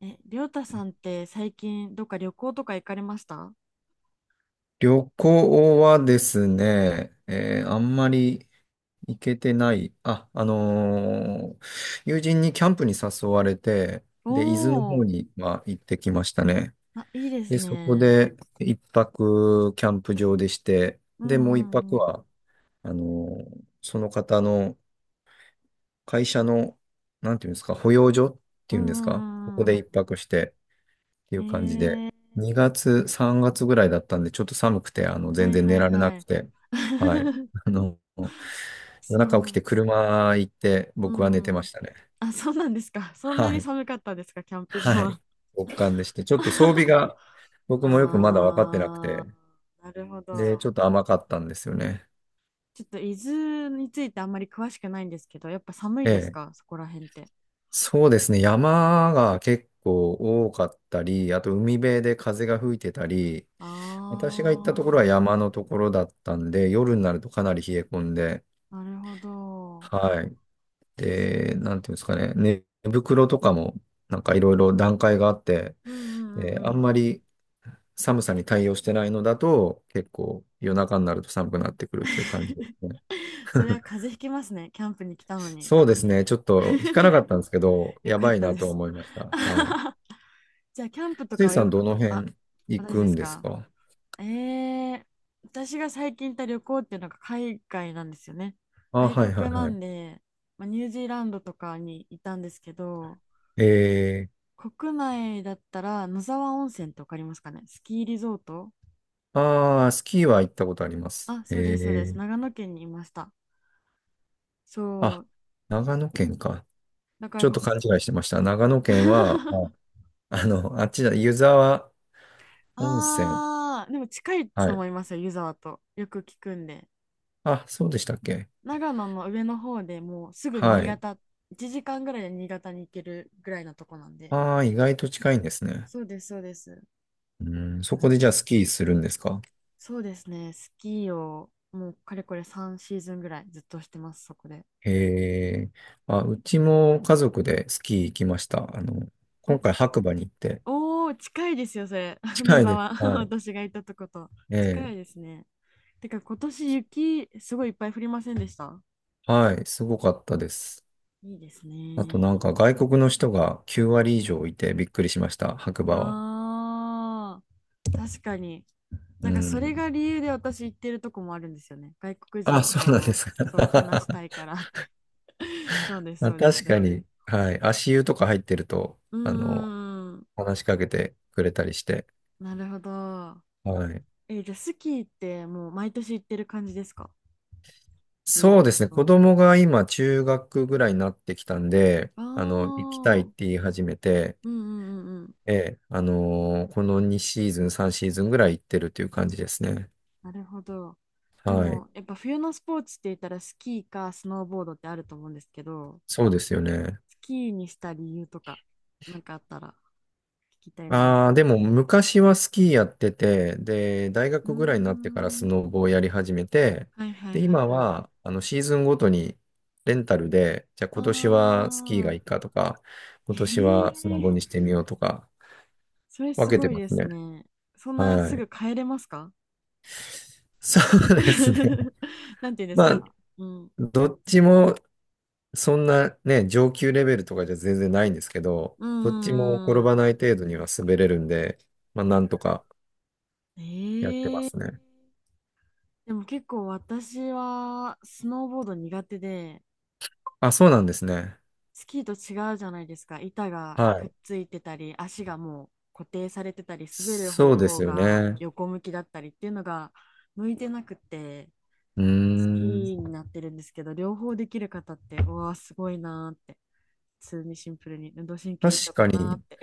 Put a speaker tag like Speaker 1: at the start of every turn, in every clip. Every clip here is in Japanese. Speaker 1: りょうたさんって最近どっか旅行とか行かれました？
Speaker 2: 旅行はですね、あんまり行けてない。友人にキャンプに誘われて、
Speaker 1: お
Speaker 2: で、伊豆の
Speaker 1: お
Speaker 2: 方
Speaker 1: ー、
Speaker 2: には行ってきましたね。
Speaker 1: あ、いいです
Speaker 2: で、そこ
Speaker 1: ね。
Speaker 2: で一泊キャンプ場でして、
Speaker 1: うん
Speaker 2: で、も
Speaker 1: う
Speaker 2: う一
Speaker 1: ん
Speaker 2: 泊
Speaker 1: うん。
Speaker 2: は、あのその方の会社の、なんていうんですか、保養所っ
Speaker 1: う
Speaker 2: ていうんですか、ここ
Speaker 1: んうんう
Speaker 2: で
Speaker 1: ん
Speaker 2: 一泊して、ってい
Speaker 1: う
Speaker 2: う感じで、
Speaker 1: ん。えー、
Speaker 2: 2月、3月ぐらいだったんで、ちょっと寒くて、
Speaker 1: は
Speaker 2: 全
Speaker 1: い
Speaker 2: 然
Speaker 1: は
Speaker 2: 寝
Speaker 1: い
Speaker 2: られな
Speaker 1: は
Speaker 2: く
Speaker 1: い。
Speaker 2: て、はい。あの、夜
Speaker 1: そ
Speaker 2: 中起き
Speaker 1: う。
Speaker 2: て車行って、
Speaker 1: う
Speaker 2: 僕は寝てま
Speaker 1: ん。
Speaker 2: したね。
Speaker 1: あ、そうなんですか。そんな
Speaker 2: は
Speaker 1: に
Speaker 2: い。
Speaker 1: 寒かったですか、キャンプ場
Speaker 2: はい。
Speaker 1: は？
Speaker 2: 極寒でして、ちょっと装備 が、僕もよくまだ分かってなく
Speaker 1: あ
Speaker 2: て、
Speaker 1: ー、なるほ
Speaker 2: で、ちょ
Speaker 1: ど。
Speaker 2: っと甘かったんですよね。
Speaker 1: ちょっと伊豆についてあんまり詳しくないんですけど、やっぱ寒い
Speaker 2: え
Speaker 1: です
Speaker 2: え。
Speaker 1: か、そこら辺って？
Speaker 2: そうですね。山が結構多かったり、あと海辺で風が吹いてたり、
Speaker 1: あ、
Speaker 2: 私が行ったところは山のところだったんで、夜になるとかなり冷え込んで、
Speaker 1: なるほど。
Speaker 2: はい。で、なんていうんですかね、寝袋とかもなんかいろいろ段階があって、
Speaker 1: うんうんう
Speaker 2: で、
Speaker 1: んう
Speaker 2: あん
Speaker 1: ん。
Speaker 2: まり寒さに対応してないのだと、結構夜中になると寒くなってくるっていう感じですね。
Speaker 1: それは 風邪ひきますね。キャンプに来たのに。
Speaker 2: そうですね、ちょっと引かなかったんですけど、
Speaker 1: よ
Speaker 2: や
Speaker 1: かっ
Speaker 2: ばい
Speaker 1: た
Speaker 2: な
Speaker 1: で
Speaker 2: とは
Speaker 1: す。
Speaker 2: 思いました。は い。
Speaker 1: じゃあ、キャンプと
Speaker 2: つ
Speaker 1: か
Speaker 2: い
Speaker 1: は
Speaker 2: さ
Speaker 1: よ
Speaker 2: ん、ど
Speaker 1: く、
Speaker 2: の
Speaker 1: あ、
Speaker 2: 辺行
Speaker 1: 私
Speaker 2: く
Speaker 1: で
Speaker 2: ん
Speaker 1: す
Speaker 2: です
Speaker 1: か？
Speaker 2: か？
Speaker 1: えー、私が最近行った旅行っていうのが海外なんですよね。
Speaker 2: あ、
Speaker 1: 外
Speaker 2: はいは
Speaker 1: 国
Speaker 2: い
Speaker 1: な
Speaker 2: は
Speaker 1: ん
Speaker 2: い。
Speaker 1: で、まあ、ニュージーランドとかにいたんですけど、
Speaker 2: え
Speaker 1: 国内だったら野沢温泉ってわかりますかね？スキーリゾート。
Speaker 2: ああ、スキーは行ったことあります。
Speaker 1: あ、そうです、そうです。長野県にいました。そ
Speaker 2: あ、
Speaker 1: う。
Speaker 2: 長野県か。
Speaker 1: だか
Speaker 2: ち
Speaker 1: ら
Speaker 2: ょっ
Speaker 1: こ、
Speaker 2: と勘違いしてました。長野県は、あっちだ、湯沢温泉。
Speaker 1: ああ、でも近い
Speaker 2: は
Speaker 1: と
Speaker 2: い。
Speaker 1: 思いますよ、湯沢と。よく聞くんで。
Speaker 2: あ、そうでしたっけ？
Speaker 1: 長野の上の方でもうすぐ
Speaker 2: は
Speaker 1: 新
Speaker 2: い。
Speaker 1: 潟、1時間ぐらいで新潟に行けるぐらいのとこなんで。
Speaker 2: ああ、意外と近いんですね。
Speaker 1: そうです、そうです。
Speaker 2: うん、そ
Speaker 1: な
Speaker 2: こで
Speaker 1: る
Speaker 2: じゃあ
Speaker 1: ほ
Speaker 2: ス
Speaker 1: ど。
Speaker 2: キーするんですか？
Speaker 1: そうですね、スキーをもうかれこれ3シーズンぐらいずっとしてます、そこで。
Speaker 2: へえ。あ、うちも家族でスキー行きました。
Speaker 1: お、
Speaker 2: 今回白馬に行って。
Speaker 1: おー、近いですよ、それ。野
Speaker 2: 近いです。
Speaker 1: 沢、
Speaker 2: はい。
Speaker 1: 私が行ったとこと。
Speaker 2: え
Speaker 1: 近
Speaker 2: え。
Speaker 1: いですね。てか今年雪すごいいっぱい降りませんでした？
Speaker 2: はい。すごかったです。
Speaker 1: いいです
Speaker 2: あと
Speaker 1: ね。
Speaker 2: なんか外国の人が9割以上いてびっくりしました。白馬は。
Speaker 1: ああ。確かに。
Speaker 2: う
Speaker 1: なんかそれ
Speaker 2: ん。
Speaker 1: が理由で私行ってるとこもあるんですよね。外国
Speaker 2: あ、
Speaker 1: 人
Speaker 2: そうなんで
Speaker 1: と、
Speaker 2: すか。
Speaker 1: そう話し たいからって。そうです、
Speaker 2: まあ、
Speaker 1: そうで
Speaker 2: 確
Speaker 1: す。
Speaker 2: か
Speaker 1: う
Speaker 2: に、はい。足湯とか入ってると、
Speaker 1: ーん、
Speaker 2: 話しかけてくれたりして。
Speaker 1: なるほど。
Speaker 2: はい。
Speaker 1: じゃあスキーってもう毎年行ってる感じですか？ずっ
Speaker 2: そうですね。子
Speaker 1: と。
Speaker 2: 供が今、中学ぐらいになってきたんで、
Speaker 1: あ
Speaker 2: 行きたいっ
Speaker 1: あ、
Speaker 2: て言い始めて、
Speaker 1: うんうんうんうん。
Speaker 2: ええ、この2シーズン、3シーズンぐらい行ってるっていう感じですね。
Speaker 1: なるほど。で
Speaker 2: はい。
Speaker 1: もやっぱ冬のスポーツって言ったらスキーかスノーボードってあると思うんですけど、
Speaker 2: そうですよね。
Speaker 1: スキーにした理由とか、なんかあったら聞きたいなっ
Speaker 2: ああ、で
Speaker 1: て。
Speaker 2: も昔はスキーやってて、で、大
Speaker 1: うー
Speaker 2: 学ぐらいになってからス
Speaker 1: ん。
Speaker 2: ノボをやり始めて、
Speaker 1: はいはい
Speaker 2: で、
Speaker 1: はい
Speaker 2: 今
Speaker 1: はい。
Speaker 2: は、シーズンごとにレンタルで、じゃあ
Speaker 1: あ
Speaker 2: 今年はスキーが
Speaker 1: あ、
Speaker 2: いいかとか、今年はスノ ボ
Speaker 1: ええ、
Speaker 2: にしてみようとか、
Speaker 1: それ
Speaker 2: 分
Speaker 1: す
Speaker 2: けて
Speaker 1: ごい
Speaker 2: ま
Speaker 1: で
Speaker 2: す
Speaker 1: す
Speaker 2: ね。
Speaker 1: ね。そんなす
Speaker 2: はい。
Speaker 1: ぐ帰れますか？
Speaker 2: そうですね。
Speaker 1: なんていうんです
Speaker 2: ま
Speaker 1: か。
Speaker 2: あ、
Speaker 1: うん。
Speaker 2: どっちもそんなね、上級レベルとかじゃ全然ないんですけど、
Speaker 1: う
Speaker 2: どっちも
Speaker 1: ー
Speaker 2: 転ば
Speaker 1: ん。
Speaker 2: ない程度には滑れるんで、まあ、なんとかやってま
Speaker 1: ええ、
Speaker 2: すね。
Speaker 1: でも結構私はスノーボード苦手で、
Speaker 2: あ、そうなんですね。
Speaker 1: スキーと違うじゃないですか。板が
Speaker 2: は
Speaker 1: くっ
Speaker 2: い。
Speaker 1: ついてたり、足がもう固定されてたり、滑る
Speaker 2: そ
Speaker 1: 方
Speaker 2: うで
Speaker 1: 向
Speaker 2: すよ
Speaker 1: が
Speaker 2: ね。
Speaker 1: 横向きだったりっていうのが向いてなくて。
Speaker 2: うー
Speaker 1: き
Speaker 2: ん。
Speaker 1: になってるんですけど、両方できる方って、うわー、すごいなーって。普通にシンプルに運動神経いい
Speaker 2: 確
Speaker 1: のか
Speaker 2: か
Speaker 1: なーっ
Speaker 2: に、
Speaker 1: て。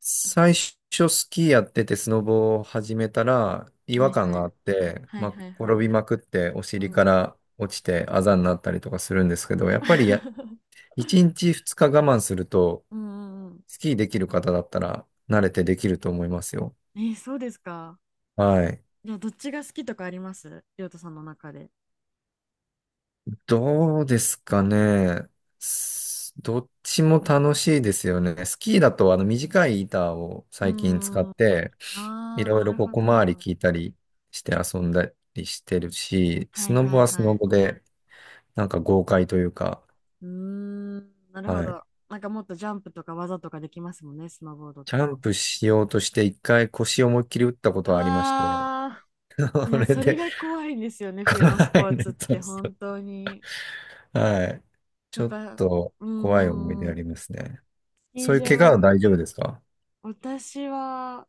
Speaker 2: 最初スキーやっててスノボを始めたら 違
Speaker 1: は
Speaker 2: 和
Speaker 1: い
Speaker 2: 感
Speaker 1: は
Speaker 2: があ
Speaker 1: い。
Speaker 2: って、
Speaker 1: はい
Speaker 2: まあ、
Speaker 1: はいは
Speaker 2: 転
Speaker 1: い。
Speaker 2: びまくってお
Speaker 1: う
Speaker 2: 尻か
Speaker 1: んうん。
Speaker 2: ら落ちてあざになったりとかするんですけど、やっぱり1日2日我慢すると、
Speaker 1: うんうんうん。
Speaker 2: スキーできる方だったら慣れてできると思いますよ。
Speaker 1: えー、そうですか。
Speaker 2: はい。
Speaker 1: じゃあ、どっちが好きとかあります？りょうたさんの中で。
Speaker 2: どうですかね。どっちも楽しいですよね。スキーだとあの短い板を
Speaker 1: うー
Speaker 2: 最近使っ
Speaker 1: ん。あ
Speaker 2: て、い
Speaker 1: あ、
Speaker 2: ろ
Speaker 1: な
Speaker 2: いろ
Speaker 1: る
Speaker 2: こう
Speaker 1: ほ
Speaker 2: 小回り効
Speaker 1: ど。
Speaker 2: いたりして遊んだりしてるし、
Speaker 1: は
Speaker 2: ス
Speaker 1: い
Speaker 2: ノ
Speaker 1: は
Speaker 2: ボ
Speaker 1: い
Speaker 2: はス
Speaker 1: は
Speaker 2: ノ
Speaker 1: い。
Speaker 2: ボでなんか豪快というか、
Speaker 1: うーん、なるほ
Speaker 2: はい。
Speaker 1: ど。なんかもっとジャンプとか技とかできますもんね、スノーボードっ
Speaker 2: ジャ
Speaker 1: て。
Speaker 2: ンプしようとして一回腰を思いっきり打ったこ
Speaker 1: う
Speaker 2: とはありまして、
Speaker 1: わ ー。い
Speaker 2: そ
Speaker 1: や、
Speaker 2: れ
Speaker 1: それ
Speaker 2: で、
Speaker 1: が怖いんですよね、冬のスポ
Speaker 2: は
Speaker 1: ー
Speaker 2: い、ね、
Speaker 1: ツっ
Speaker 2: そ
Speaker 1: て
Speaker 2: うそ
Speaker 1: 本当に。
Speaker 2: う、はい。ち
Speaker 1: やっ
Speaker 2: ょっ
Speaker 1: ぱ、
Speaker 2: と
Speaker 1: う
Speaker 2: 怖い思い出
Speaker 1: ー
Speaker 2: あ
Speaker 1: ん、
Speaker 2: りますね。
Speaker 1: スキ
Speaker 2: そういう怪我は
Speaker 1: ー場、
Speaker 2: 大丈夫ですか？
Speaker 1: 私は、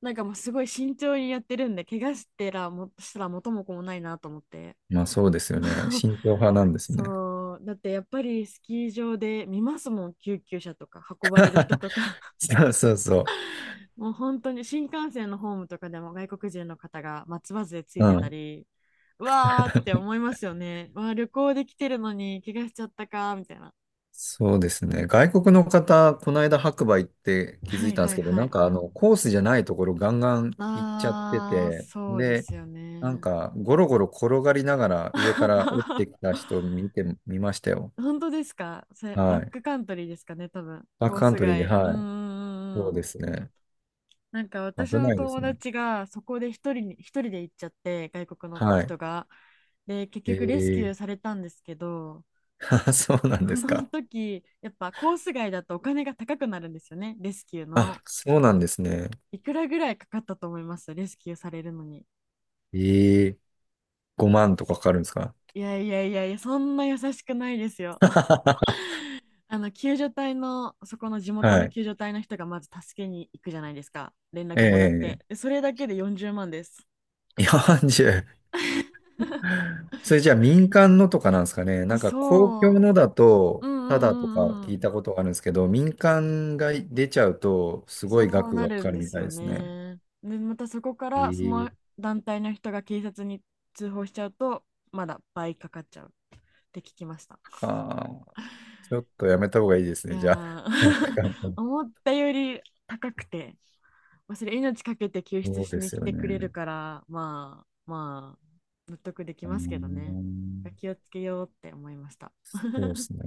Speaker 1: なんかもうすごい慎重にやってるんで、怪我してらも、したら元も子もないなと思って。
Speaker 2: まあそうですよね。慎重派なんですね。
Speaker 1: そう、だってやっぱりスキー場で見ますもん、救急車とか運ばれる人とか。
Speaker 2: そうそうそ
Speaker 1: もう本当に新幹線のホームとかでも外国人の方が松葉杖つ
Speaker 2: う。
Speaker 1: い
Speaker 2: う
Speaker 1: てた
Speaker 2: ん。
Speaker 1: り、うわーって思いますよね。わあ、旅行できてるのに怪我しちゃったか、みたいな。
Speaker 2: そうですね。外国の方、この間白馬行って気
Speaker 1: は
Speaker 2: づい
Speaker 1: い
Speaker 2: たんで
Speaker 1: は
Speaker 2: す
Speaker 1: い
Speaker 2: けど、
Speaker 1: は
Speaker 2: なん
Speaker 1: い。
Speaker 2: かコースじゃないところガンガン行っちゃって
Speaker 1: あー、
Speaker 2: て、
Speaker 1: そうで
Speaker 2: で、
Speaker 1: すよ
Speaker 2: なん
Speaker 1: ね。
Speaker 2: かゴロゴロ転がりながら上から落ちてき た人見ましたよ。
Speaker 1: 本当ですか？それバッ
Speaker 2: はい。
Speaker 1: クカントリーですかね、多分。
Speaker 2: バッ
Speaker 1: コ
Speaker 2: ク
Speaker 1: ー
Speaker 2: カン
Speaker 1: ス
Speaker 2: トリーで、
Speaker 1: 外。うん
Speaker 2: は
Speaker 1: う
Speaker 2: い。
Speaker 1: んうん
Speaker 2: そ
Speaker 1: う
Speaker 2: うで
Speaker 1: ん。
Speaker 2: すね。
Speaker 1: なんか私
Speaker 2: 危
Speaker 1: の
Speaker 2: ないです
Speaker 1: 友
Speaker 2: ね。
Speaker 1: 達がそこで一人に、一人で行っちゃって、外国の
Speaker 2: はい。
Speaker 1: 人が。で、結局レスキューさ
Speaker 2: え
Speaker 1: れたんですけど、
Speaker 2: そうなん
Speaker 1: こ
Speaker 2: です
Speaker 1: の
Speaker 2: か。
Speaker 1: 時、やっぱコース外だとお金が高くなるんですよね、レスキューの。
Speaker 2: あ、そうなんですね。
Speaker 1: いくらぐらいかかったと思います？レスキューされるのに。
Speaker 2: えー、5万とかかかるんですか？
Speaker 1: いやいやいやいや、そんな優しくないですよ。あの救助隊の、そこの地元
Speaker 2: は
Speaker 1: の
Speaker 2: い。
Speaker 1: 救助隊の人がまず助けに行くじゃないですか。連絡もらっ
Speaker 2: え
Speaker 1: て、
Speaker 2: え、
Speaker 1: でそれだけで40万です。
Speaker 2: 4。 それじゃあ民間のとかなんですかね。なんか公
Speaker 1: そ
Speaker 2: 共のだ
Speaker 1: う、う
Speaker 2: と、
Speaker 1: ん
Speaker 2: ただとか
Speaker 1: うんう
Speaker 2: 聞
Speaker 1: ん、
Speaker 2: いたことがあるんですけど、民間が出ちゃうと、すご
Speaker 1: そ
Speaker 2: い
Speaker 1: う
Speaker 2: 額
Speaker 1: な
Speaker 2: がか
Speaker 1: る
Speaker 2: か
Speaker 1: ん
Speaker 2: る
Speaker 1: で
Speaker 2: み
Speaker 1: す
Speaker 2: たい
Speaker 1: よ
Speaker 2: ですね。
Speaker 1: ね。で、またそこからそ
Speaker 2: え
Speaker 1: の
Speaker 2: え、
Speaker 1: 団体の人が警察に通報しちゃうと、まだ倍かかっちゃうって聞きました。
Speaker 2: ああ、ちょっとやめた方がいいです
Speaker 1: い
Speaker 2: ね。
Speaker 1: や
Speaker 2: じゃあ、額が。
Speaker 1: ー、 思ったより高くて、まあそれ命かけて救出
Speaker 2: そう
Speaker 1: し
Speaker 2: で
Speaker 1: に
Speaker 2: す
Speaker 1: 来
Speaker 2: よ
Speaker 1: てくれる
Speaker 2: ね。
Speaker 1: から、まあまあ、納得でき
Speaker 2: うー
Speaker 1: ますけどね。
Speaker 2: ん、
Speaker 1: 気をつけようって思いました。
Speaker 2: そうですね。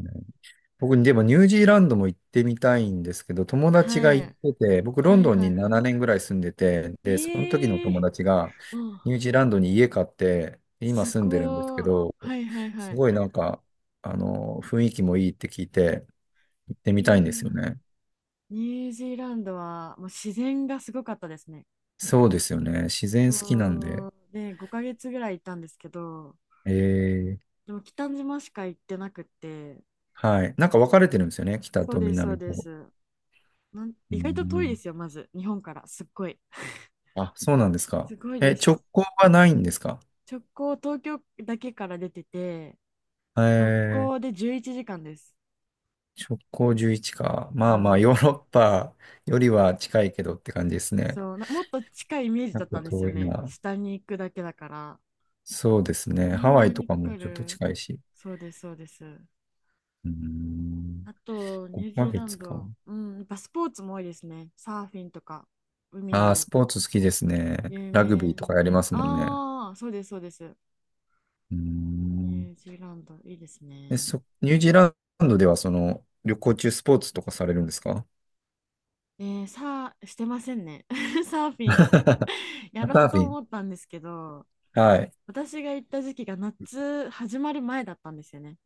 Speaker 2: 僕、でもニュージーランドも行ってみたいんですけど、友達
Speaker 1: は
Speaker 2: が行っ
Speaker 1: い。
Speaker 2: てて、僕、ロ
Speaker 1: は
Speaker 2: ン
Speaker 1: い
Speaker 2: ドン
Speaker 1: は
Speaker 2: に
Speaker 1: いは
Speaker 2: 7年ぐらい住んでて、
Speaker 1: い。
Speaker 2: で、その時の
Speaker 1: ええ
Speaker 2: 友達
Speaker 1: ー、
Speaker 2: が、
Speaker 1: お、
Speaker 2: ニュージーランドに家買って、今
Speaker 1: す
Speaker 2: 住んでるんですけ
Speaker 1: ごい。
Speaker 2: ど、
Speaker 1: はいはいは
Speaker 2: す
Speaker 1: い。
Speaker 2: ごいなんか、雰囲気もいいって聞いて、行ってみたいんですよ
Speaker 1: ええ。
Speaker 2: ね。
Speaker 1: ニュージーランドはもう自然がすごかったですね。
Speaker 2: そうですよね。自然
Speaker 1: う
Speaker 2: 好きなん
Speaker 1: ー
Speaker 2: で。
Speaker 1: ん。で、5ヶ月ぐらい行ったんですけど、
Speaker 2: えー、
Speaker 1: でも北島しか行ってなくって、
Speaker 2: はい。なんか分かれてるんですよね。北
Speaker 1: そう
Speaker 2: と
Speaker 1: です、そう
Speaker 2: 南
Speaker 1: で
Speaker 2: と。
Speaker 1: す。なん、
Speaker 2: う
Speaker 1: 意外と遠いで
Speaker 2: ん。
Speaker 1: すよ、まず、日本から、すっごい。
Speaker 2: あ、そうなんです
Speaker 1: す
Speaker 2: か。
Speaker 1: ごいで
Speaker 2: え、
Speaker 1: す。
Speaker 2: 直行はないんですか？
Speaker 1: 直行、東京だけから出てて、直
Speaker 2: え、
Speaker 1: 行で11時間です。
Speaker 2: 直行11か。
Speaker 1: う
Speaker 2: まあまあ、ヨ
Speaker 1: ん。
Speaker 2: ーロッパよりは近いけどって感じですね。
Speaker 1: そう、なもっと近いイメージ
Speaker 2: な
Speaker 1: だ
Speaker 2: ん
Speaker 1: った
Speaker 2: か
Speaker 1: んですよ
Speaker 2: 遠い
Speaker 1: ね。
Speaker 2: な。
Speaker 1: 下に行くだけだから。
Speaker 2: そうです
Speaker 1: そ
Speaker 2: ね。ハ
Speaker 1: ん
Speaker 2: ワイ
Speaker 1: な
Speaker 2: と
Speaker 1: に
Speaker 2: か
Speaker 1: か
Speaker 2: も
Speaker 1: か
Speaker 2: ちょっと
Speaker 1: る？
Speaker 2: 近いし。
Speaker 1: そうです、そうです。
Speaker 2: うーん。
Speaker 1: あと、ニュージ
Speaker 2: 5
Speaker 1: ー
Speaker 2: ヶ
Speaker 1: ラン
Speaker 2: 月か。
Speaker 1: ド、うん、やっぱスポーツも多いですね。サーフィンとか、
Speaker 2: ああ、ス
Speaker 1: 海、
Speaker 2: ポーツ好きですね。
Speaker 1: 有
Speaker 2: ラグビ
Speaker 1: 名
Speaker 2: ーと
Speaker 1: な
Speaker 2: か
Speaker 1: ん
Speaker 2: や
Speaker 1: で。
Speaker 2: りますもんね。
Speaker 1: ああ、そうです、そうです。
Speaker 2: うー
Speaker 1: ニ
Speaker 2: ん。
Speaker 1: ュージーランド、いいです
Speaker 2: え、
Speaker 1: ね。
Speaker 2: ニュージーランドではその、旅行中スポーツとかされるんですか？
Speaker 1: さあ、してませんね。サーフィン、やろ
Speaker 2: サー
Speaker 1: う
Speaker 2: フ
Speaker 1: と
Speaker 2: ィン、
Speaker 1: 思ったんですけど、
Speaker 2: はい。
Speaker 1: 私が行った時期が夏始まる前だったんですよね。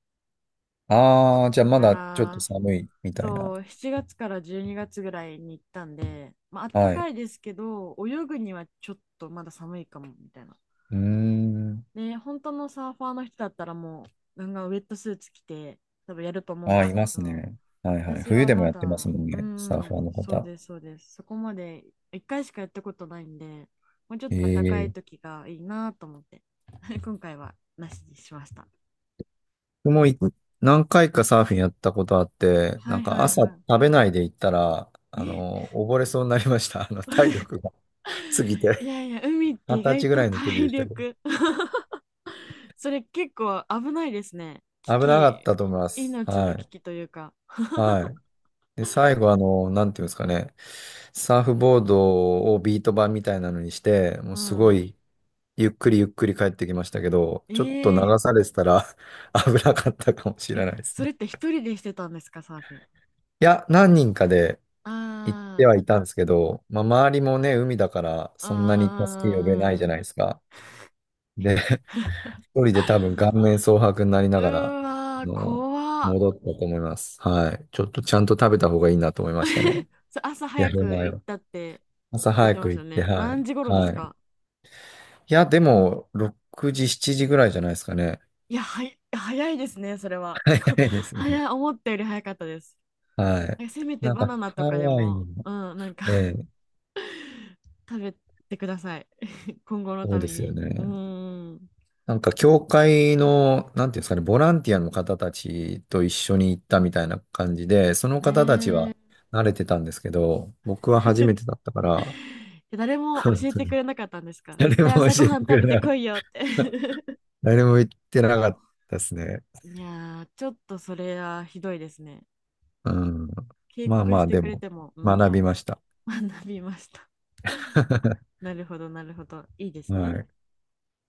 Speaker 2: ああ、じゃあま
Speaker 1: だか
Speaker 2: だちょっと
Speaker 1: ら、
Speaker 2: 寒いみたいな。
Speaker 1: そう、7月から12月ぐらいに行ったんで、まあ、あった
Speaker 2: はい。
Speaker 1: かいですけど、泳ぐにはちょっとまだ寒いかも、みたいな。
Speaker 2: うーん。
Speaker 1: ね、本当のサーファーの人だったらもう、なんかウェットスーツ着て、多分やると思うん
Speaker 2: あ
Speaker 1: で
Speaker 2: あ、い
Speaker 1: すけ
Speaker 2: ます
Speaker 1: ど、
Speaker 2: ね。はいはい。
Speaker 1: 私
Speaker 2: 冬
Speaker 1: は
Speaker 2: でも
Speaker 1: ま
Speaker 2: やってます
Speaker 1: だ、
Speaker 2: もん
Speaker 1: う
Speaker 2: ね。サーファ
Speaker 1: ん、
Speaker 2: ーの
Speaker 1: そう
Speaker 2: 方。
Speaker 1: です、そうです。そこまで一回しかやったことないんで、もうちょっと暖かい
Speaker 2: ええ、
Speaker 1: 時がいいなと思って、今回はなしにしました。
Speaker 2: 僕も何回かサーフィンやったことあって、
Speaker 1: は
Speaker 2: なん
Speaker 1: いは
Speaker 2: か
Speaker 1: い
Speaker 2: 朝
Speaker 1: は
Speaker 2: 食べないで行ったら、
Speaker 1: い。え、
Speaker 2: 溺れそうになりました。体力が 過ぎ
Speaker 1: い
Speaker 2: て。
Speaker 1: やいや、海っ て
Speaker 2: 二
Speaker 1: 意
Speaker 2: 十
Speaker 1: 外
Speaker 2: 歳ぐ
Speaker 1: と
Speaker 2: らいの時
Speaker 1: 体
Speaker 2: でしたけど。
Speaker 1: 力 それ結構危ないですね。危
Speaker 2: 危なかっ
Speaker 1: 機、
Speaker 2: たと思います。
Speaker 1: 命
Speaker 2: は
Speaker 1: の危
Speaker 2: い。
Speaker 1: 機というか。
Speaker 2: はい。で、最後、なんていうんですかね。サーフボードをビート板みたいなのにして、も
Speaker 1: う
Speaker 2: うすご
Speaker 1: ん。
Speaker 2: いゆっくりゆっくり帰ってきましたけど、ちょっと流
Speaker 1: ええ
Speaker 2: されてたら 危なかったかもし
Speaker 1: え、
Speaker 2: れないです
Speaker 1: そ
Speaker 2: ね。
Speaker 1: れって一人でしてたんですか、サーフィン？
Speaker 2: いや、何人かで行っ
Speaker 1: あ
Speaker 2: て
Speaker 1: ー、
Speaker 2: はいたんですけど、まあ、周りもね、海だから
Speaker 1: あ
Speaker 2: そんなに助け呼べないじゃ
Speaker 1: ー、
Speaker 2: ないですか。で、一人で多分顔面蒼白になり
Speaker 1: う
Speaker 2: ながら、
Speaker 1: ーわー、
Speaker 2: の、
Speaker 1: 怖っ。
Speaker 2: 戻ったと思います。はい。ちょっとちゃんと食べた方がいいなと思いましたね。
Speaker 1: それ朝
Speaker 2: や
Speaker 1: 早
Speaker 2: る
Speaker 1: く
Speaker 2: 前
Speaker 1: 行っ
Speaker 2: は。
Speaker 1: たって
Speaker 2: 朝
Speaker 1: 言っ
Speaker 2: 早
Speaker 1: てま
Speaker 2: く
Speaker 1: した
Speaker 2: 行っ
Speaker 1: よ
Speaker 2: て、
Speaker 1: ね。
Speaker 2: は
Speaker 1: 何
Speaker 2: い。
Speaker 1: 時頃で
Speaker 2: は
Speaker 1: す
Speaker 2: い。
Speaker 1: か？
Speaker 2: いや、でも、6時、7時ぐらいじゃないですかね。
Speaker 1: いや、はい、早いですね、それは。
Speaker 2: 早いで すね。
Speaker 1: 早い、思ったより早かったです。
Speaker 2: はい。
Speaker 1: え、せめて
Speaker 2: なん
Speaker 1: バナ
Speaker 2: か、
Speaker 1: ナ
Speaker 2: ハ
Speaker 1: とかで
Speaker 2: ワイに
Speaker 1: も、
Speaker 2: も、
Speaker 1: うん、なんか
Speaker 2: ええ、
Speaker 1: 食べてください。今後の
Speaker 2: そう
Speaker 1: た
Speaker 2: で
Speaker 1: め
Speaker 2: すよ
Speaker 1: に。う
Speaker 2: ね。
Speaker 1: ーん。
Speaker 2: なんか、教会の、なんていうんですかね、ボランティアの方たちと一緒に行ったみたいな感じで、その方たち
Speaker 1: ね
Speaker 2: は慣れてたんですけど、僕は初
Speaker 1: え、
Speaker 2: め てだったから、
Speaker 1: 誰も
Speaker 2: 本
Speaker 1: 教え
Speaker 2: 当
Speaker 1: てく
Speaker 2: に
Speaker 1: れなかったんです か？絶
Speaker 2: 誰も
Speaker 1: 対
Speaker 2: 教
Speaker 1: 朝ご
Speaker 2: えて
Speaker 1: はん
Speaker 2: く
Speaker 1: 食
Speaker 2: れ
Speaker 1: べて
Speaker 2: な
Speaker 1: こ
Speaker 2: い。
Speaker 1: いよって。
Speaker 2: 誰も言ってなかったですね。
Speaker 1: いやー、ちょっとそれはひどいですね。
Speaker 2: うん。
Speaker 1: 警
Speaker 2: まあ
Speaker 1: 告
Speaker 2: ま
Speaker 1: し
Speaker 2: あ、
Speaker 1: て
Speaker 2: で
Speaker 1: くれ
Speaker 2: も、
Speaker 1: ても、うん
Speaker 2: 学
Speaker 1: ね、
Speaker 2: びました。
Speaker 1: 学びました。なるほど、なるほど。いいです
Speaker 2: は
Speaker 1: ね。
Speaker 2: い。